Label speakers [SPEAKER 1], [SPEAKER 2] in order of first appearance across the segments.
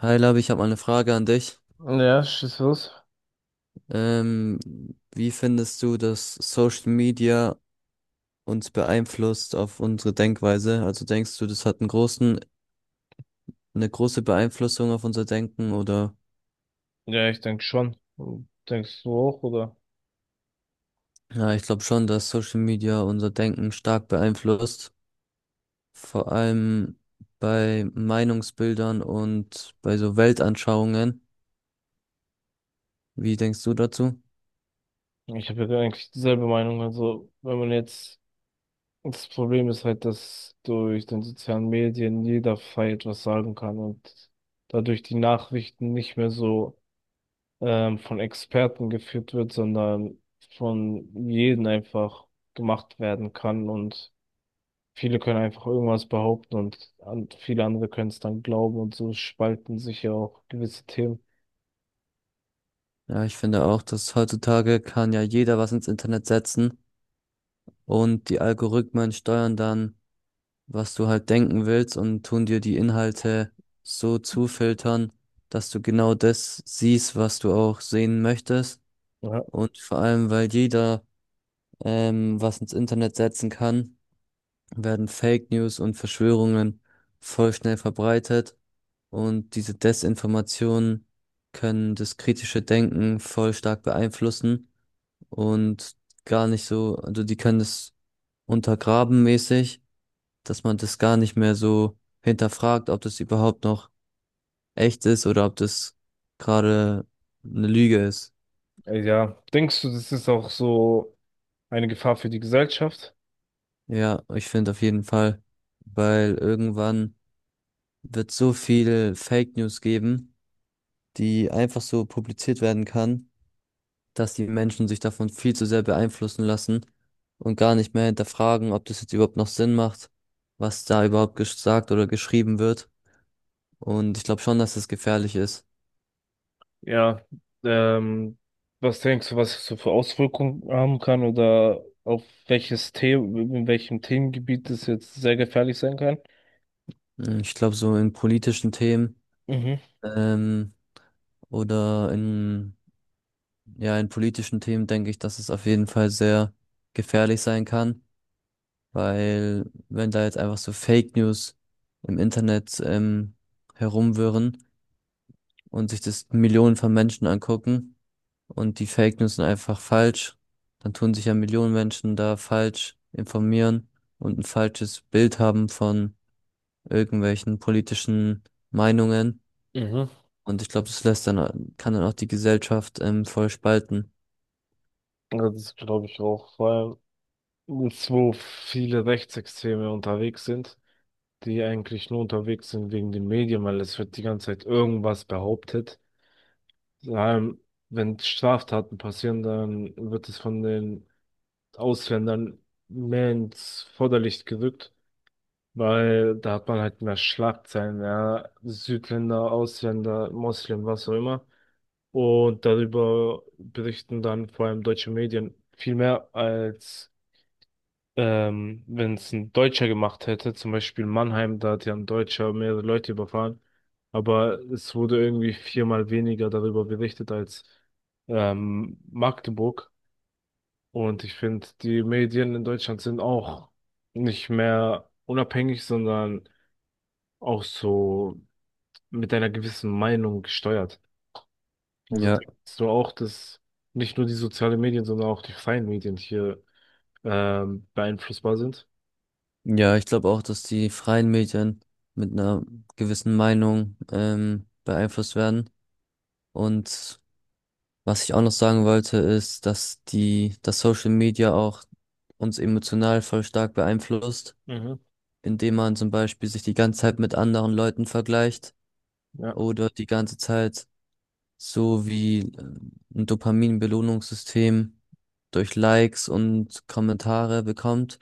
[SPEAKER 1] Hi Labi, ich habe mal eine Frage an dich.
[SPEAKER 2] Ja, schieß los.
[SPEAKER 1] Ähm, Wie findest du, dass Social Media uns beeinflusst auf unsere Denkweise? Also denkst du, das hat einen großen, eine große Beeinflussung auf unser Denken oder?
[SPEAKER 2] Ja, ich denke schon. Denkst du auch, oder?
[SPEAKER 1] Ja, ich glaube schon, dass Social Media unser Denken stark beeinflusst. Vor allem bei Meinungsbildern und bei so Weltanschauungen. Wie denkst du dazu?
[SPEAKER 2] Ich habe ja eigentlich dieselbe Meinung. Also, wenn man jetzt, das Problem ist halt, dass durch den sozialen Medien jeder frei etwas sagen kann und dadurch die Nachrichten nicht mehr so von Experten geführt wird, sondern von jedem einfach gemacht werden kann und viele können einfach irgendwas behaupten und viele andere können es dann glauben und so spalten sich ja auch gewisse Themen.
[SPEAKER 1] Ja, ich finde auch, dass heutzutage kann ja jeder was ins Internet setzen und die Algorithmen steuern dann, was du halt denken willst, und tun dir die Inhalte so zufiltern, dass du genau das siehst, was du auch sehen möchtest.
[SPEAKER 2] Ja.
[SPEAKER 1] Und vor allem, weil jeder was ins Internet setzen kann, werden Fake News und Verschwörungen voll schnell verbreitet, und diese Desinformationen können das kritische Denken voll stark beeinflussen, und gar nicht so, also die können es untergraben mäßig, dass man das gar nicht mehr so hinterfragt, ob das überhaupt noch echt ist oder ob das gerade eine Lüge ist.
[SPEAKER 2] Ja, denkst du, das ist auch so eine Gefahr für die Gesellschaft?
[SPEAKER 1] Ja, ich finde auf jeden Fall, weil irgendwann wird so viel Fake News geben, die einfach so publiziert werden kann, dass die Menschen sich davon viel zu sehr beeinflussen lassen und gar nicht mehr hinterfragen, ob das jetzt überhaupt noch Sinn macht, was da überhaupt gesagt oder geschrieben wird. Und ich glaube schon, dass das gefährlich ist.
[SPEAKER 2] Ja, ähm, was denkst du, was es so für Auswirkungen haben kann oder auf welches Thema, in welchem Themengebiet es jetzt sehr gefährlich sein kann?
[SPEAKER 1] Hm, ich glaube, so in politischen Themen,
[SPEAKER 2] Mhm.
[SPEAKER 1] ähm, oder in, ja, in politischen Themen denke ich, dass es auf jeden Fall sehr gefährlich sein kann, weil wenn da jetzt einfach so Fake News im Internet herumwirren und sich das Millionen von Menschen angucken und die Fake News sind einfach falsch, dann tun sich ja Millionen Menschen da falsch informieren und ein falsches Bild haben von irgendwelchen politischen Meinungen.
[SPEAKER 2] Mhm.
[SPEAKER 1] Und ich glaube, das lässt dann, kann dann auch die Gesellschaft voll spalten.
[SPEAKER 2] Ja, das glaube ich auch, vor allem jetzt, wo viele Rechtsextreme unterwegs sind, die eigentlich nur unterwegs sind wegen den Medien, weil es wird die ganze Zeit irgendwas behauptet. Vor allem, wenn Straftaten passieren, dann wird es von den Ausländern mehr ins Vorderlicht gerückt, weil da hat man halt mehr Schlagzeilen, ja, Südländer, Ausländer, Moslem, was auch immer. Und darüber berichten dann vor allem deutsche Medien viel mehr als wenn es ein Deutscher gemacht hätte, zum Beispiel Mannheim, da hat ja ein Deutscher mehrere Leute überfahren, aber es wurde irgendwie viermal weniger darüber berichtet als Magdeburg. Und ich finde, die Medien in Deutschland sind auch nicht mehr unabhängig, sondern auch so mit einer gewissen Meinung gesteuert. Also
[SPEAKER 1] Ja.
[SPEAKER 2] denkst du auch, dass nicht nur die sozialen Medien, sondern auch die freien Medien hier beeinflussbar sind?
[SPEAKER 1] Ja, ich glaube auch, dass die freien Medien mit einer gewissen Meinung beeinflusst werden. Und was ich auch noch sagen wollte, ist, dass die, dass Social Media auch uns emotional voll stark beeinflusst,
[SPEAKER 2] Mhm,
[SPEAKER 1] indem man zum Beispiel sich die ganze Zeit mit anderen Leuten vergleicht
[SPEAKER 2] ja.
[SPEAKER 1] oder die ganze Zeit so wie ein Dopamin-Belohnungssystem durch Likes und Kommentare bekommt.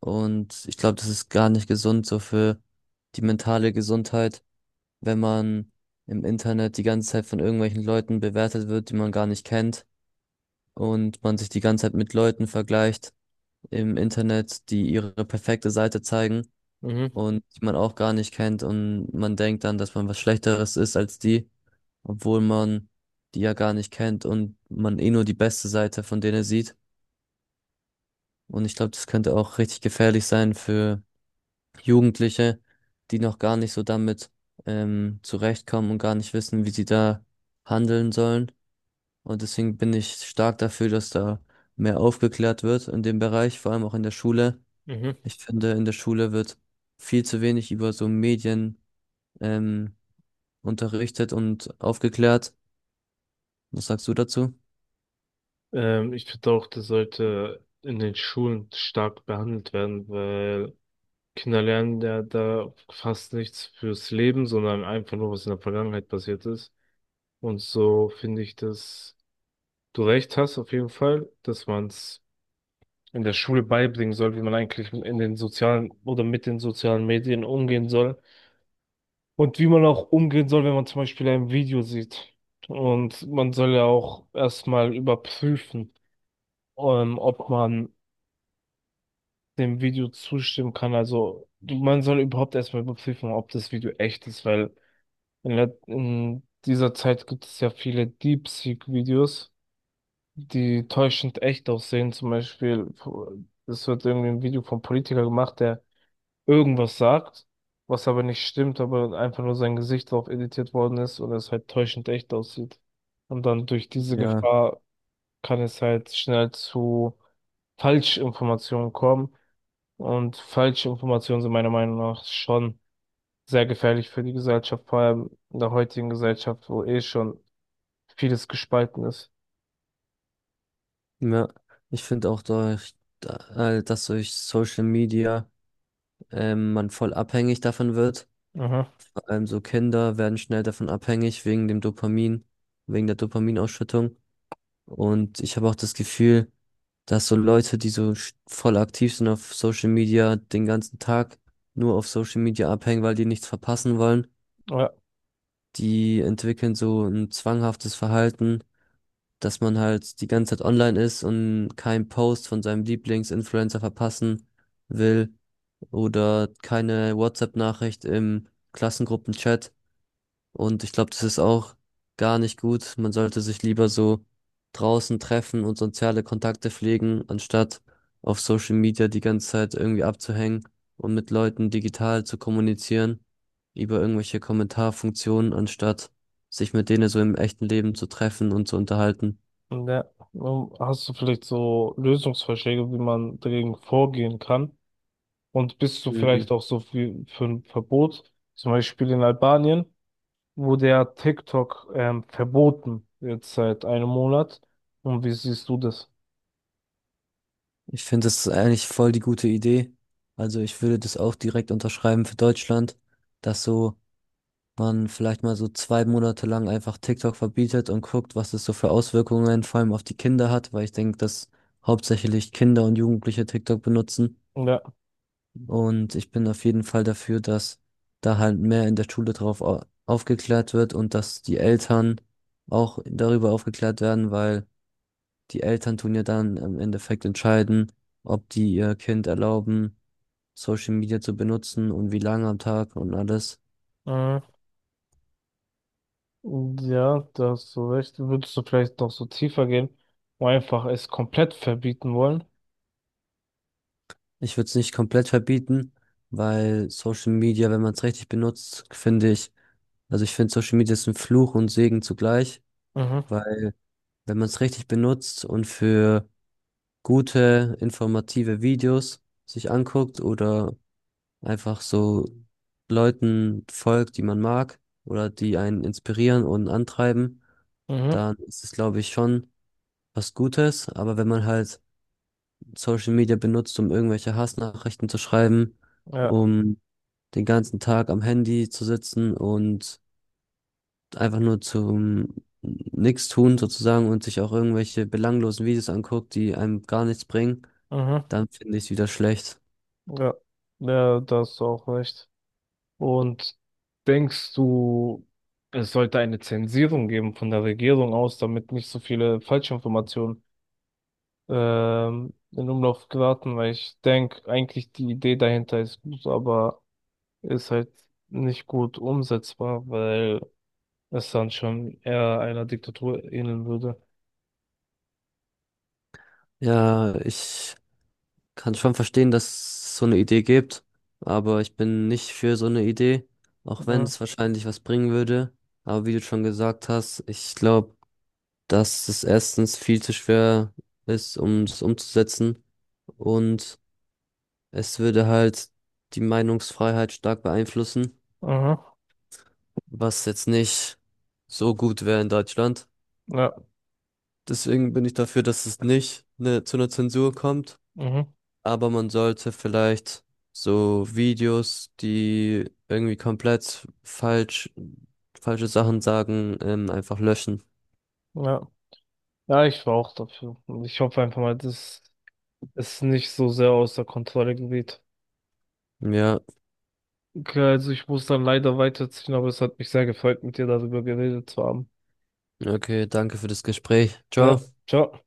[SPEAKER 1] Und ich glaube, das ist gar nicht gesund so für die mentale Gesundheit, wenn man im Internet die ganze Zeit von irgendwelchen Leuten bewertet wird, die man gar nicht kennt, und man sich die ganze Zeit mit Leuten vergleicht im Internet, die ihre perfekte Seite zeigen
[SPEAKER 2] Mhm,
[SPEAKER 1] und die man auch gar nicht kennt, und man denkt dann, dass man was Schlechteres ist als die, obwohl man die ja gar nicht kennt und man eh nur die beste Seite von denen sieht. Und ich glaube, das könnte auch richtig gefährlich sein für Jugendliche, die noch gar nicht so damit zurechtkommen und gar nicht wissen, wie sie da handeln sollen. Und deswegen bin ich stark dafür, dass da mehr aufgeklärt wird in dem Bereich, vor allem auch in der Schule.
[SPEAKER 2] mhm.
[SPEAKER 1] Ich finde, in der Schule wird viel zu wenig über so Medien ähm, unterrichtet und aufgeklärt. Was sagst du dazu?
[SPEAKER 2] Ich finde auch, das sollte in den Schulen stark behandelt werden, weil Kinder lernen ja da fast nichts fürs Leben, sondern einfach nur, was in der Vergangenheit passiert ist. Und so finde ich, dass du recht hast, auf jeden Fall, dass man es in der Schule beibringen soll, wie man eigentlich in den sozialen oder mit den sozialen Medien umgehen soll. Und wie man auch umgehen soll, wenn man zum Beispiel ein Video sieht. Und man soll ja auch erstmal überprüfen, ob man dem Video zustimmen kann. Man soll überhaupt erstmal überprüfen, ob das Video echt ist, weil in dieser Zeit gibt es ja viele DeepSeek-Videos die täuschend echt aussehen. Zum Beispiel, es wird irgendwie ein Video vom Politiker gemacht, der irgendwas sagt, was aber nicht stimmt, aber einfach nur sein Gesicht drauf editiert worden ist und es halt täuschend echt aussieht. Und dann durch diese
[SPEAKER 1] Ja,
[SPEAKER 2] Gefahr kann es halt schnell zu Falschinformationen kommen. Und Falschinformationen sind meiner Meinung nach schon sehr gefährlich für die Gesellschaft, vor allem in der heutigen Gesellschaft, wo eh schon vieles gespalten ist.
[SPEAKER 1] ja. Ich finde auch, durch, dass durch Social Media man voll abhängig davon wird.
[SPEAKER 2] Mhm.
[SPEAKER 1] So Kinder werden schnell davon abhängig wegen dem Dopamin, wegen der Dopaminausschüttung. Und ich habe auch das Gefühl, dass so Leute, die voll aktiv sind auf Social Media, den ganzen Tag nur auf Social Media abhängen, weil die nichts verpassen wollen,
[SPEAKER 2] Ja.
[SPEAKER 1] die entwickeln so ein zwanghaftes Verhalten, dass man halt die ganze Zeit online ist und keinen Post von seinem Lieblingsinfluencer verpassen will oder keine WhatsApp-Nachricht im Klassenchat. Und ich glaube, das ist auch gar nicht gut. Man sollte sich lieber so draußen treffen und soziale Kontakte pflegen, anstatt auf Social Media die ganze Zeit irgendwie abzuhängen und mit Leuten digital zu kommunizieren über irgendwelche Kommentarfunktionen, anstatt sich mit denen so im echten Leben zu treffen und zu unterhalten.
[SPEAKER 2] Ja, hast du vielleicht so Lösungsvorschläge, wie man dagegen vorgehen kann? Und bist du
[SPEAKER 1] Mhm.
[SPEAKER 2] vielleicht auch so für ein Verbot, zum Beispiel in Albanien, wurde ja TikTok verboten, jetzt seit einem Monat. Und wie siehst du das?
[SPEAKER 1] Ich finde, das ist eigentlich voll die gute Idee. Also ich würde das auch direkt unterschreiben für Deutschland, dass so man vielleicht mal so 2 Monate lang einfach TikTok verbietet und guckt, was es so für Auswirkungen vor allem auf die Kinder hat, weil ich denke, dass hauptsächlich Kinder und Jugendliche TikTok benutzen.
[SPEAKER 2] Ja,
[SPEAKER 1] Und ich bin auf jeden Fall dafür, dass da halt mehr in der Schule aufgeklärt wird und dass die Eltern auch darüber aufgeklärt werden, weil die Eltern tun ja dann im Endeffekt entscheiden, ob die ihr Kind erlauben, Social Media zu benutzen und wie lange am Tag und alles.
[SPEAKER 2] mhm. Ja, da hast du recht. Würdest du vielleicht noch so tiefer gehen und einfach es komplett verbieten wollen?
[SPEAKER 1] Ich würde es nicht komplett verbieten, weil Social Media, wenn man es richtig benutzt, finde ich, also ich finde Social Media ist ein Fluch und Segen zugleich,
[SPEAKER 2] Mhm,
[SPEAKER 1] weil wenn man es richtig benutzt und für gute, informative Videos sich anguckt oder einfach so Leuten folgt, die man mag oder die einen inspirieren und antreiben,
[SPEAKER 2] mhm,
[SPEAKER 1] dann ist es, glaube ich, schon was Gutes. Aber wenn man halt Social Media benutzt, um irgendwelche Hassnachrichten zu schreiben,
[SPEAKER 2] ja,
[SPEAKER 1] um den ganzen Tag am Handy zu sitzen und einfach nur zum nichts tun sozusagen und sich auch irgendwelche belanglosen Videos anguckt, die einem gar nichts bringen,
[SPEAKER 2] mhm,
[SPEAKER 1] dann finde ich es wieder schlecht.
[SPEAKER 2] ja, ja, da hast du auch recht. Und denkst du, es sollte eine Zensierung geben von der Regierung aus, damit nicht so viele Falschinformationen in Umlauf geraten? Weil ich denke, eigentlich die Idee dahinter ist gut, aber ist halt nicht gut umsetzbar, weil es dann schon eher einer Diktatur ähneln würde.
[SPEAKER 1] Ja, ich kann schon verstehen, dass es so eine Idee gibt, aber ich bin nicht für so eine Idee, auch wenn
[SPEAKER 2] Mhm.
[SPEAKER 1] es wahrscheinlich was bringen würde. Aber wie du schon gesagt hast, ich glaube, dass es erstens viel zu schwer ist, um es umzusetzen, und es würde halt die Meinungsfreiheit stark beeinflussen,
[SPEAKER 2] Mhm.
[SPEAKER 1] was jetzt nicht so gut wäre in Deutschland.
[SPEAKER 2] Ja.
[SPEAKER 1] Deswegen bin ich dafür, dass es nicht zu einer Zensur kommt,
[SPEAKER 2] Mhm.
[SPEAKER 1] aber man sollte vielleicht so Videos, die irgendwie komplett falsch, falsche Sachen sagen, einfach löschen.
[SPEAKER 2] Ja. Ja, ich war auch dafür. Und ich hoffe einfach mal, dass es nicht so sehr außer Kontrolle gerät.
[SPEAKER 1] Ja,
[SPEAKER 2] Okay, also ich muss dann leider weiterziehen, aber es hat mich sehr gefreut, mit dir darüber geredet zu haben.
[SPEAKER 1] okay, danke für das Gespräch.
[SPEAKER 2] Ja,
[SPEAKER 1] Ciao.
[SPEAKER 2] ciao.